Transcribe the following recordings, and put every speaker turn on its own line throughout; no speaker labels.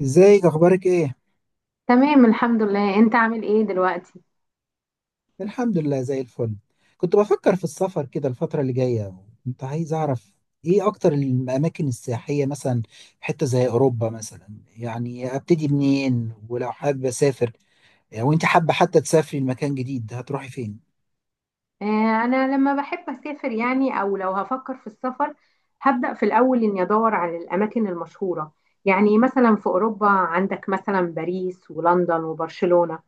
ازيك اخبارك ايه؟
تمام الحمد لله، انت عامل ايه دلوقتي؟
الحمد لله زي الفل. كنت بفكر في السفر كده الفترة اللي جاية. كنت عايز اعرف ايه اكتر الاماكن السياحية مثلا في حتة زي اوروبا مثلا. يعني ابتدي منين ولو حابة اسافر؟ او انت حابة حتى تسافري لمكان جديد، هتروحي فين؟
آه انا لما بحب اسافر يعني او لو هفكر في السفر، هبدأ في الاول اني ادور على الاماكن المشهورة. يعني مثلا في اوروبا عندك مثلا باريس ولندن وبرشلونة.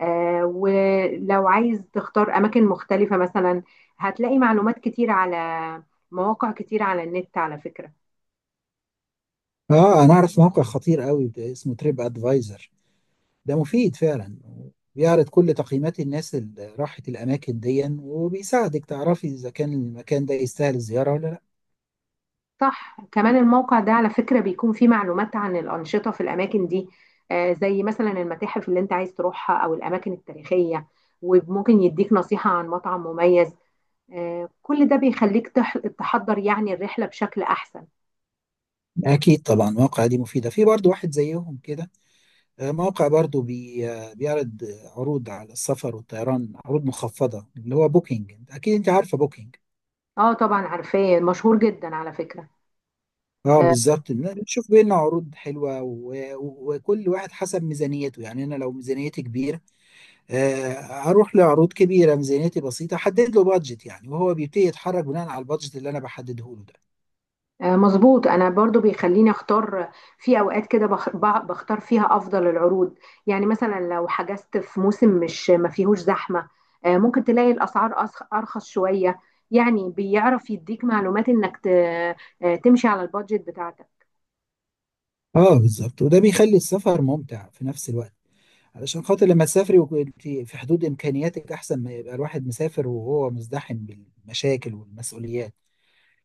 آه، ولو عايز تختار اماكن مختلفة مثلا هتلاقي معلومات كتير على مواقع كتير على النت على فكرة.
اه، انا اعرف موقع خطير قوي اسمه تريب ادفايزر. ده مفيد فعلا. بيعرض كل تقييمات الناس اللي راحت الاماكن دي، وبيساعدك تعرفي اذا كان المكان ده يستاهل الزيارة ولا لا.
صح، كمان الموقع ده على فكرة بيكون فيه معلومات عن الأنشطة في الأماكن دي، آه، زي مثلا المتاحف اللي أنت عايز تروحها أو الأماكن التاريخية، وممكن يديك نصيحة عن مطعم مميز. آه، كل ده بيخليك تحضر يعني الرحلة بشكل أحسن.
أكيد طبعا مواقع دي مفيدة، في برضو واحد زيهم كده. موقع برضو بي بيعرض عروض على السفر والطيران، عروض مخفضة، اللي هو بوكينج. أكيد أنت عارفة بوكينج.
اه طبعا عارفاه، مشهور جدا على فكرة.
اه
آه،
بالظبط. بتشوف بينا عروض حلوة وكل واحد حسب ميزانيته. يعني أنا لو ميزانيتي كبيرة، آه، أروح لعروض كبيرة. ميزانيتي بسيطة، أحدد له بادجت يعني، وهو بيبتدي يتحرك بناء على البادجت اللي أنا بحدده له ده.
مظبوط، انا برضو بيخليني اختار في اوقات كده، بختار فيها افضل العروض. يعني مثلا لو حجزت في موسم مش ما فيهوش زحمة، آه، ممكن تلاقي الاسعار ارخص شوية. يعني بيعرف يديك معلومات انك تمشي على البادجت بتاعتك.
اه بالظبط، وده بيخلي السفر ممتع في نفس الوقت. علشان خاطر لما تسافري وكنت في حدود إمكانياتك، أحسن ما يبقى الواحد مسافر وهو مزدحم بالمشاكل والمسؤوليات.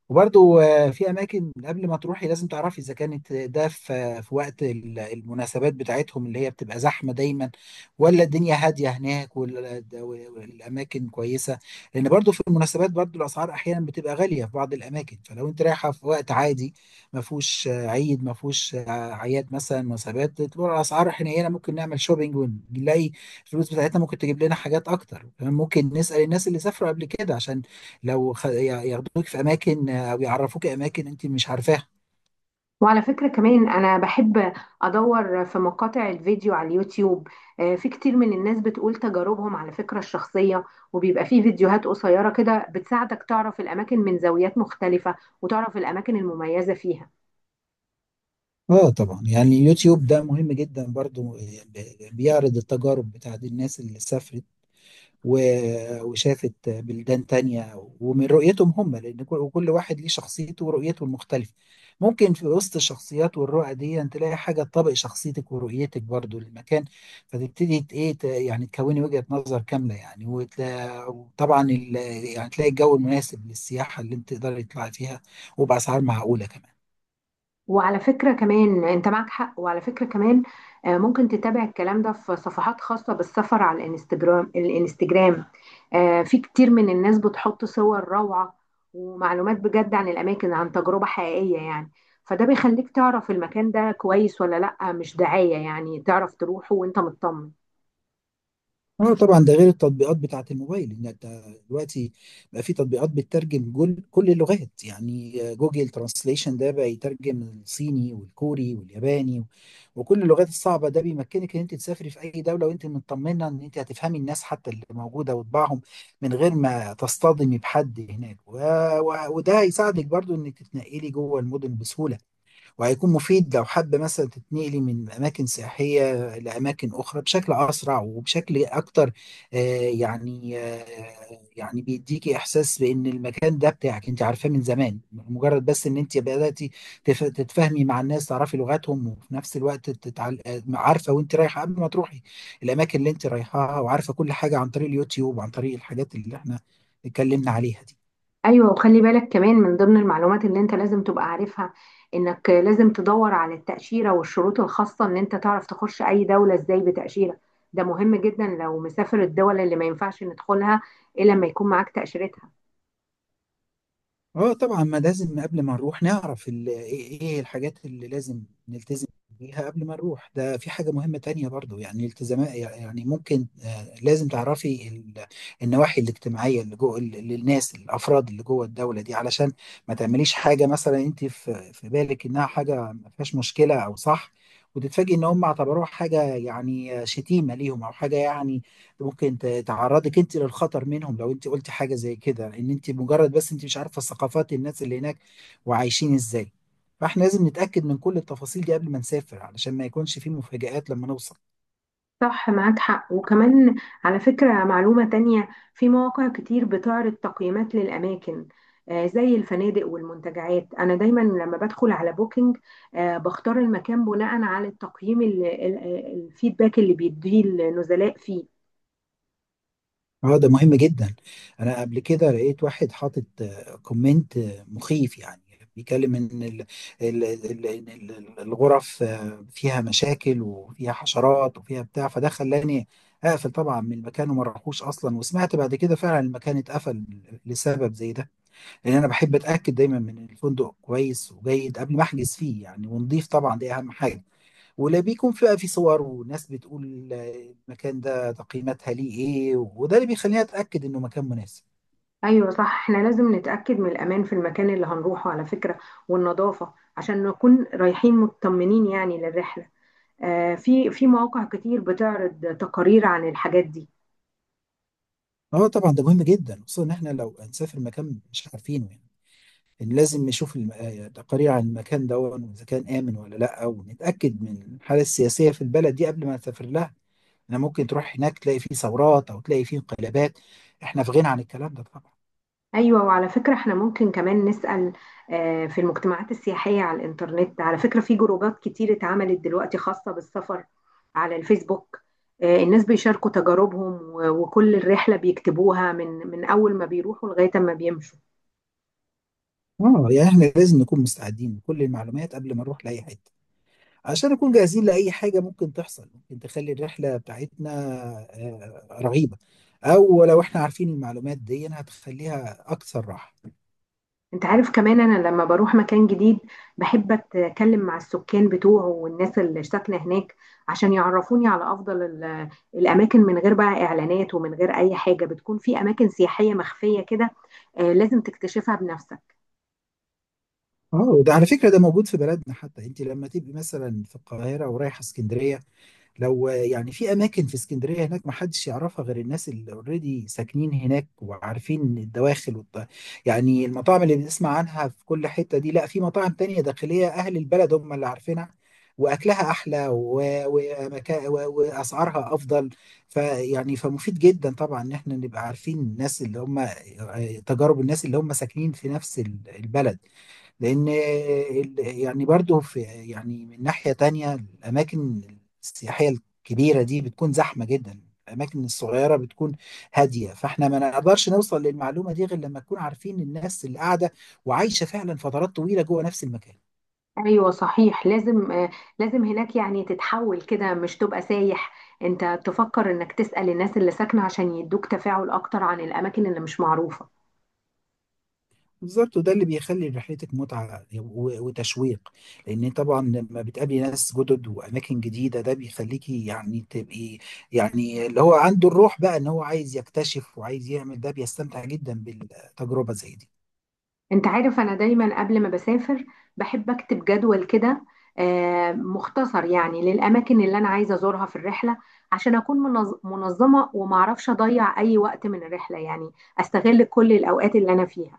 وبرضو في اماكن قبل ما تروحي لازم تعرفي اذا كانت ده في وقت المناسبات بتاعتهم، اللي هي بتبقى زحمه دايما، ولا الدنيا هاديه هناك والاماكن كويسه. لان برضو في المناسبات برضو الاسعار احيانا بتبقى غاليه في بعض الاماكن، فلو انت رايحه في وقت عادي، ما فيهوش عيد، ما فيهوش اعياد مثلا، مناسبات، تبقى الاسعار حنينه. ممكن نعمل شوبينج ونلاقي الفلوس بتاعتنا ممكن تجيب لنا حاجات اكتر كمان. ممكن نسال الناس اللي سافروا قبل كده، عشان لو ياخدوك في اماكن، او يعرفوك اماكن انت مش عارفاها.
وعلى فكرة كمان أنا بحب أدور في مقاطع الفيديو على اليوتيوب. آه، في كتير من الناس بتقول تجاربهم على فكرة الشخصية، وبيبقى في فيديوهات قصيرة كده بتساعدك تعرف الأماكن من زاويات مختلفة وتعرف الأماكن المميزة فيها.
اه طبعا، يعني يوتيوب ده مهم جدا برضو. بيعرض التجارب بتاعت الناس اللي سافرت وشافت بلدان تانية، ومن رؤيتهم هم، لأن كل وكل واحد ليه شخصيته ورؤيته المختلفة. ممكن في وسط الشخصيات والرؤى دي أن تلاقي حاجة تطابق شخصيتك ورؤيتك برضو للمكان، فتبتدي إيه، يعني تكوني وجهة نظر كاملة، يعني، وطبعا يعني تلاقي الجو المناسب للسياحة اللي أنت تقدري تطلعي فيها، وبأسعار معقولة كمان.
وعلى فكرة كمان انت معك حق، وعلى فكرة كمان آه، ممكن تتابع الكلام ده في صفحات خاصة بالسفر على الانستجرام. الانستجرام آه، في كتير من الناس بتحط صور روعة ومعلومات بجد عن الأماكن، عن تجربة حقيقية يعني. فده بيخليك تعرف المكان ده كويس ولا لأ، مش دعاية، يعني تعرف تروحه وانت مطمن.
اه طبعا، ده غير التطبيقات بتاعت الموبايل. ان انت دلوقتي بقى في تطبيقات بتترجم جول كل اللغات. يعني جوجل ترانسليشن ده بقى يترجم الصيني والكوري والياباني وكل اللغات الصعبة. ده بيمكنك ان انت تسافري في اي دولة وانت مطمنة ان انت هتفهمي الناس حتى اللي موجودة وطباعهم، من غير ما تصطدمي بحد هناك. وده هيساعدك برضو انك تتنقلي جوه المدن بسهولة، وهيكون مفيد لو حابة مثلا تتنقلي من أماكن سياحية لأماكن أخرى بشكل أسرع وبشكل أكتر. آه، يعني آه، يعني بيديكي إحساس بإن المكان ده بتاعك، أنت عارفاه من زمان. مجرد بس إن أنت بدأتي تتفاهمي مع الناس، تعرفي لغاتهم، وفي نفس الوقت تتعل... آه، عارفة، وأنت رايحة قبل ما تروحي الأماكن اللي أنت رايحاها، وعارفة كل حاجة عن طريق اليوتيوب وعن طريق الحاجات اللي إحنا اتكلمنا عليها دي.
ايوه، وخلي بالك كمان من ضمن المعلومات اللي انت لازم تبقى عارفها، انك لازم تدور على التأشيرة والشروط الخاصة ان انت تعرف تخش اي دولة ازاي بتأشيرة. ده مهم جدا لو مسافر الدول اللي ما ينفعش ندخلها الا لما يكون معاك تأشيرتها.
اه طبعا، ما لازم قبل ما نروح نعرف ال- ايه إيه الحاجات اللي لازم نلتزم بيها قبل ما نروح. ده في حاجة مهمة تانية برضو، يعني التزامات، يعني ممكن، لازم تعرفي النواحي الاجتماعية اللي جوه للناس، الأفراد اللي جوه الدولة دي، علشان ما تعمليش حاجة مثلا انت في بالك انها حاجة ما فيهاش مشكلة او صح، وتتفاجئي ان هم اعتبروها حاجة، يعني شتيمة ليهم، او حاجة يعني ممكن تعرضك انت للخطر منهم. لو انت قلتي حاجه زي كده، ان انت مجرد بس انت مش عارفه ثقافات الناس اللي هناك وعايشين ازاي، فاحنا لازم نتاكد من كل التفاصيل دي قبل ما نسافر، علشان ما يكونش في مفاجآت لما نوصل.
صح، معاك حق، وكمان على فكرة معلومة تانية، في مواقع كتير بتعرض تقييمات للأماكن، آه، زي الفنادق والمنتجعات. أنا دايما لما بدخل على بوكينج، آه، بختار المكان بناء على الفيدباك اللي بيديه النزلاء فيه.
اه، ده مهم جدا. انا قبل كده لقيت واحد حاطط كومنت مخيف يعني، بيتكلم ان إن الغرف فيها مشاكل وفيها حشرات وفيها بتاع. فده خلاني اقفل طبعا من المكان وما راحوش اصلا، وسمعت بعد كده فعلا المكان اتقفل لسبب زي ده. لان انا بحب اتاكد دايما من الفندق كويس وجيد قبل ما احجز فيه يعني، ونضيف طبعا، دي اهم حاجه. ولا بيكون فيها في صور وناس بتقول المكان ده تقييماتها ليه ايه، وده اللي بيخليني اتاكد انه مكان مناسب.
أيوة صح، احنا لازم نتأكد من الأمان في المكان اللي هنروحه على فكرة، والنظافة، عشان نكون رايحين مطمنين يعني للرحلة. آه، في مواقع كتير بتعرض تقارير عن الحاجات دي.
اه طبعا، ده مهم جدا خصوصا ان احنا لو هنسافر مكان مش عارفينه يعني، إن لازم نشوف تقارير عن المكان ده واذا كان امن ولا لا، ونتاكد من الحاله السياسيه في البلد دي قبل ما نسافر لها. انا ممكن تروح هناك تلاقي فيه ثورات او تلاقي فيه انقلابات، احنا في غنى عن الكلام ده طبعا.
ايوه، وعلى فكره احنا ممكن كمان نسال، آه، في المجتمعات السياحيه على الانترنت. على فكره في جروبات كتير اتعملت دلوقتي خاصه بالسفر على الفيسبوك. آه، الناس بيشاركوا تجاربهم وكل الرحله بيكتبوها من اول ما بيروحوا لغايه ما بيمشوا.
اه، يعني احنا لازم نكون مستعدين بكل المعلومات قبل ما نروح لاي حته، عشان نكون جاهزين لأي حاجة ممكن تحصل، ممكن تخلي الرحلة بتاعتنا رهيبة. أو لو إحنا عارفين المعلومات دي، هتخليها أكثر راحة.
انت عارف كمان، انا لما بروح مكان جديد بحب اتكلم مع السكان بتوعه والناس اللي ساكنه هناك عشان يعرفوني على افضل الاماكن، من غير بقى اعلانات ومن غير اي حاجه. بتكون في اماكن سياحيه مخفيه كده، آه، لازم تكتشفها بنفسك.
اه، وده على فكرة ده موجود في بلدنا حتى. أنت لما تبقي مثلا في القاهرة ورايحة اسكندرية، لو يعني في اماكن في اسكندريه هناك ما حدش يعرفها غير الناس اللي اوريدي ساكنين هناك وعارفين الدواخل يعني المطاعم اللي بنسمع عنها في كل حته دي، لا، في مطاعم تانية داخليه اهل البلد هم اللي عارفينها، واكلها احلى واسعارها افضل. فيعني فمفيد جدا طبعا ان احنا نبقى عارفين الناس اللي هم، تجارب الناس اللي هم ساكنين في نفس البلد. لان يعني برضو في يعني من ناحية تانية الاماكن السياحية الكبيرة دي بتكون زحمة جدا، الاماكن الصغيرة بتكون هادية، فاحنا ما نقدرش نوصل للمعلومة دي غير لما نكون عارفين الناس اللي قاعدة وعايشة فعلا فترات طويلة جوه نفس المكان.
ايوه صحيح، لازم آه، لازم هناك يعني تتحول كده مش تبقى سايح. انت تفكر انك تسأل الناس اللي ساكنه عشان يدوك تفاعل اكتر عن الاماكن اللي مش معروفه.
بالظبط، وده اللي بيخلي رحلتك متعة وتشويق. لأن طبعا لما بتقابلي ناس جدد وأماكن جديدة، ده بيخليكي يعني تبقي، يعني اللي هو عنده الروح بقى إن هو عايز يكتشف وعايز يعمل، ده بيستمتع جدا بالتجربة زي دي.
انت عارف انا دايما قبل ما بسافر بحب اكتب جدول كده، آه، مختصر يعني للاماكن اللي انا عايزه ازورها في الرحله، عشان اكون منظمه وما اعرفش اضيع اي وقت من الرحله، يعني استغل كل الاوقات اللي انا فيها.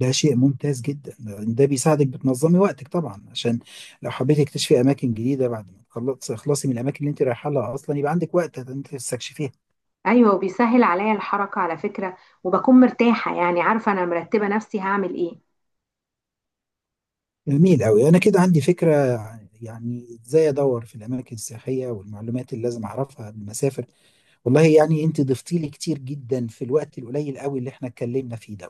ده شيء ممتاز جدا، ده بيساعدك بتنظمي وقتك طبعا، عشان لو حبيتي تكتشفي أماكن جديدة بعد ما تخلصي من الأماكن اللي أنت رايحة لها أصلا، يبقى عندك وقت إن أنت تستكشفيها.
ايوه، وبيسهل عليا الحركه على فكره، وبكون مرتاحه يعني، عارفه انا مرتبه نفسي هعمل ايه.
جميل أوي، أنا كده عندي فكرة يعني إزاي أدور في الأماكن السياحية والمعلومات اللي لازم أعرفها قبل ما أسافر. والله يعني أنت ضفتي لي كتير جدا في الوقت القليل أوي اللي إحنا اتكلمنا فيه ده.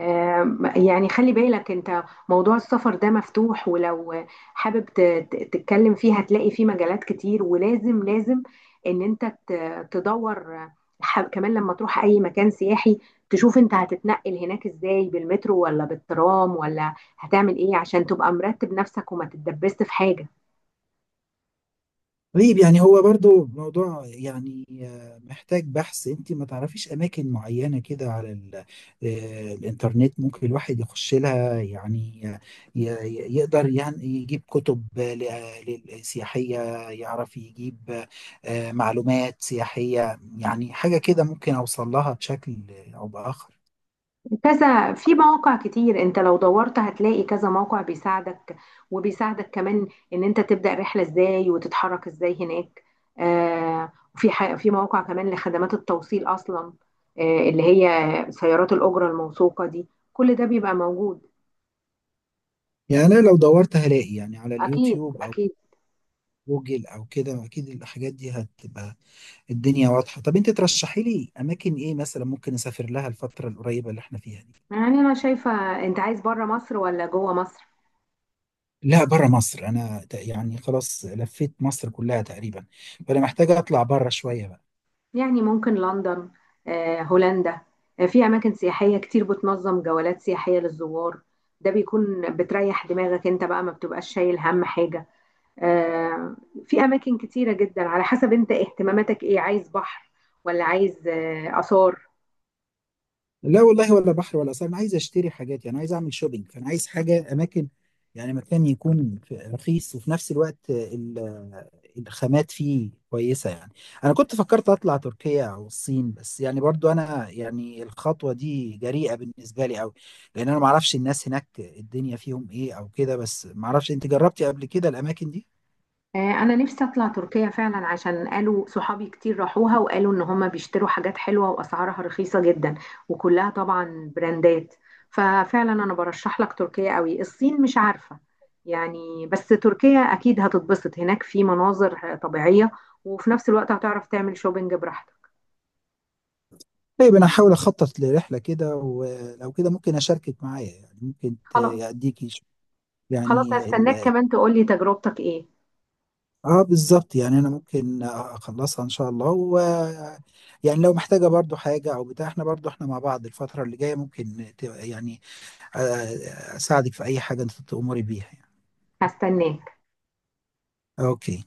يعني خلي بالك انت، موضوع السفر ده مفتوح، ولو حابب تتكلم فيه هتلاقي فيه مجالات كتير. ولازم ان انت تدور. كمان لما تروح اي مكان سياحي، تشوف انت هتتنقل هناك ازاي، بالمترو ولا بالترام ولا هتعمل ايه، عشان تبقى مرتب نفسك وما تتدبست في حاجة.
طيب، يعني هو برضو موضوع يعني محتاج بحث. انت ما تعرفيش اماكن معينة كده على الانترنت، ممكن الواحد يخش لها يعني، ي- يقدر يعني يجيب كتب سياحية، يعرف يجيب معلومات سياحية، يعني حاجة كده ممكن اوصل لها بشكل او باخر.
كذا في مواقع كتير، انت لو دورت هتلاقي كذا موقع بيساعدك، وبيساعدك كمان ان انت تبدأ رحلة ازاي وتتحرك ازاي هناك. آه، في في مواقع كمان لخدمات التوصيل اصلا، آه، اللي هي سيارات الأجرة الموثوقة دي، كل ده بيبقى موجود.
يعني انا لو دورت هلاقي يعني على
اكيد،
اليوتيوب او
اكيد.
جوجل او كده، اكيد الحاجات دي هتبقى الدنيا واضحة. طب انت ترشحي لي اماكن ايه مثلا ممكن اسافر لها الفترة القريبة اللي احنا فيها دي؟
يعني انا شايفة، انت عايز بره مصر ولا جوه مصر؟
لا، بره مصر. انا يعني خلاص لفيت مصر كلها تقريبا، فانا محتاج اطلع بره شوية بقى.
يعني ممكن لندن، آه، هولندا، آه، في أماكن سياحية كتير بتنظم جولات سياحية للزوار. ده بيكون بتريح دماغك انت بقى، ما بتبقاش شايل هم حاجة. آه، في أماكن كتيرة جدا على حسب انت اهتماماتك ايه، عايز بحر ولا عايز آه، آثار.
لا والله، ولا بحر ولا ساحل، انا عايز اشتري حاجات، يعني عايز اعمل شوبينج، فانا عايز حاجه اماكن، يعني مكان يكون رخيص، وفي نفس الوقت الخامات فيه كويسه يعني. انا كنت فكرت اطلع تركيا او الصين، بس يعني برضو انا يعني الخطوه دي جريئه بالنسبه لي قوي، لان انا ما اعرفش الناس هناك الدنيا فيهم ايه او كده، بس ما اعرفش، انت جربتي قبل كده الاماكن دي؟
آه، انا نفسي اطلع تركيا فعلا، عشان قالوا صحابي كتير راحوها وقالوا ان هم بيشتروا حاجات حلوة واسعارها رخيصة جدا، وكلها طبعا براندات. ففعلا انا برشح لك تركيا قوي. الصين مش عارفة يعني، بس تركيا اكيد هتتبسط هناك في مناظر طبيعية، وفي نفس الوقت هتعرف تعمل شوبينج براحتك.
طيب انا هحاول اخطط لرحله كده، ولو كده ممكن اشاركك معايا، يعني ممكن
خلاص،
اديكي
خلاص
يعني.
هستناك كمان تقولي تجربتك ايه.
اه بالظبط، يعني انا ممكن اخلصها ان شاء الله، و يعني لو محتاجه برضو حاجه او بتاع، احنا برضو احنا مع بعض الفتره اللي جايه، ممكن يعني، اساعدك في اي حاجه انت تأمري بيها يعني.
هستناك.
اوكي.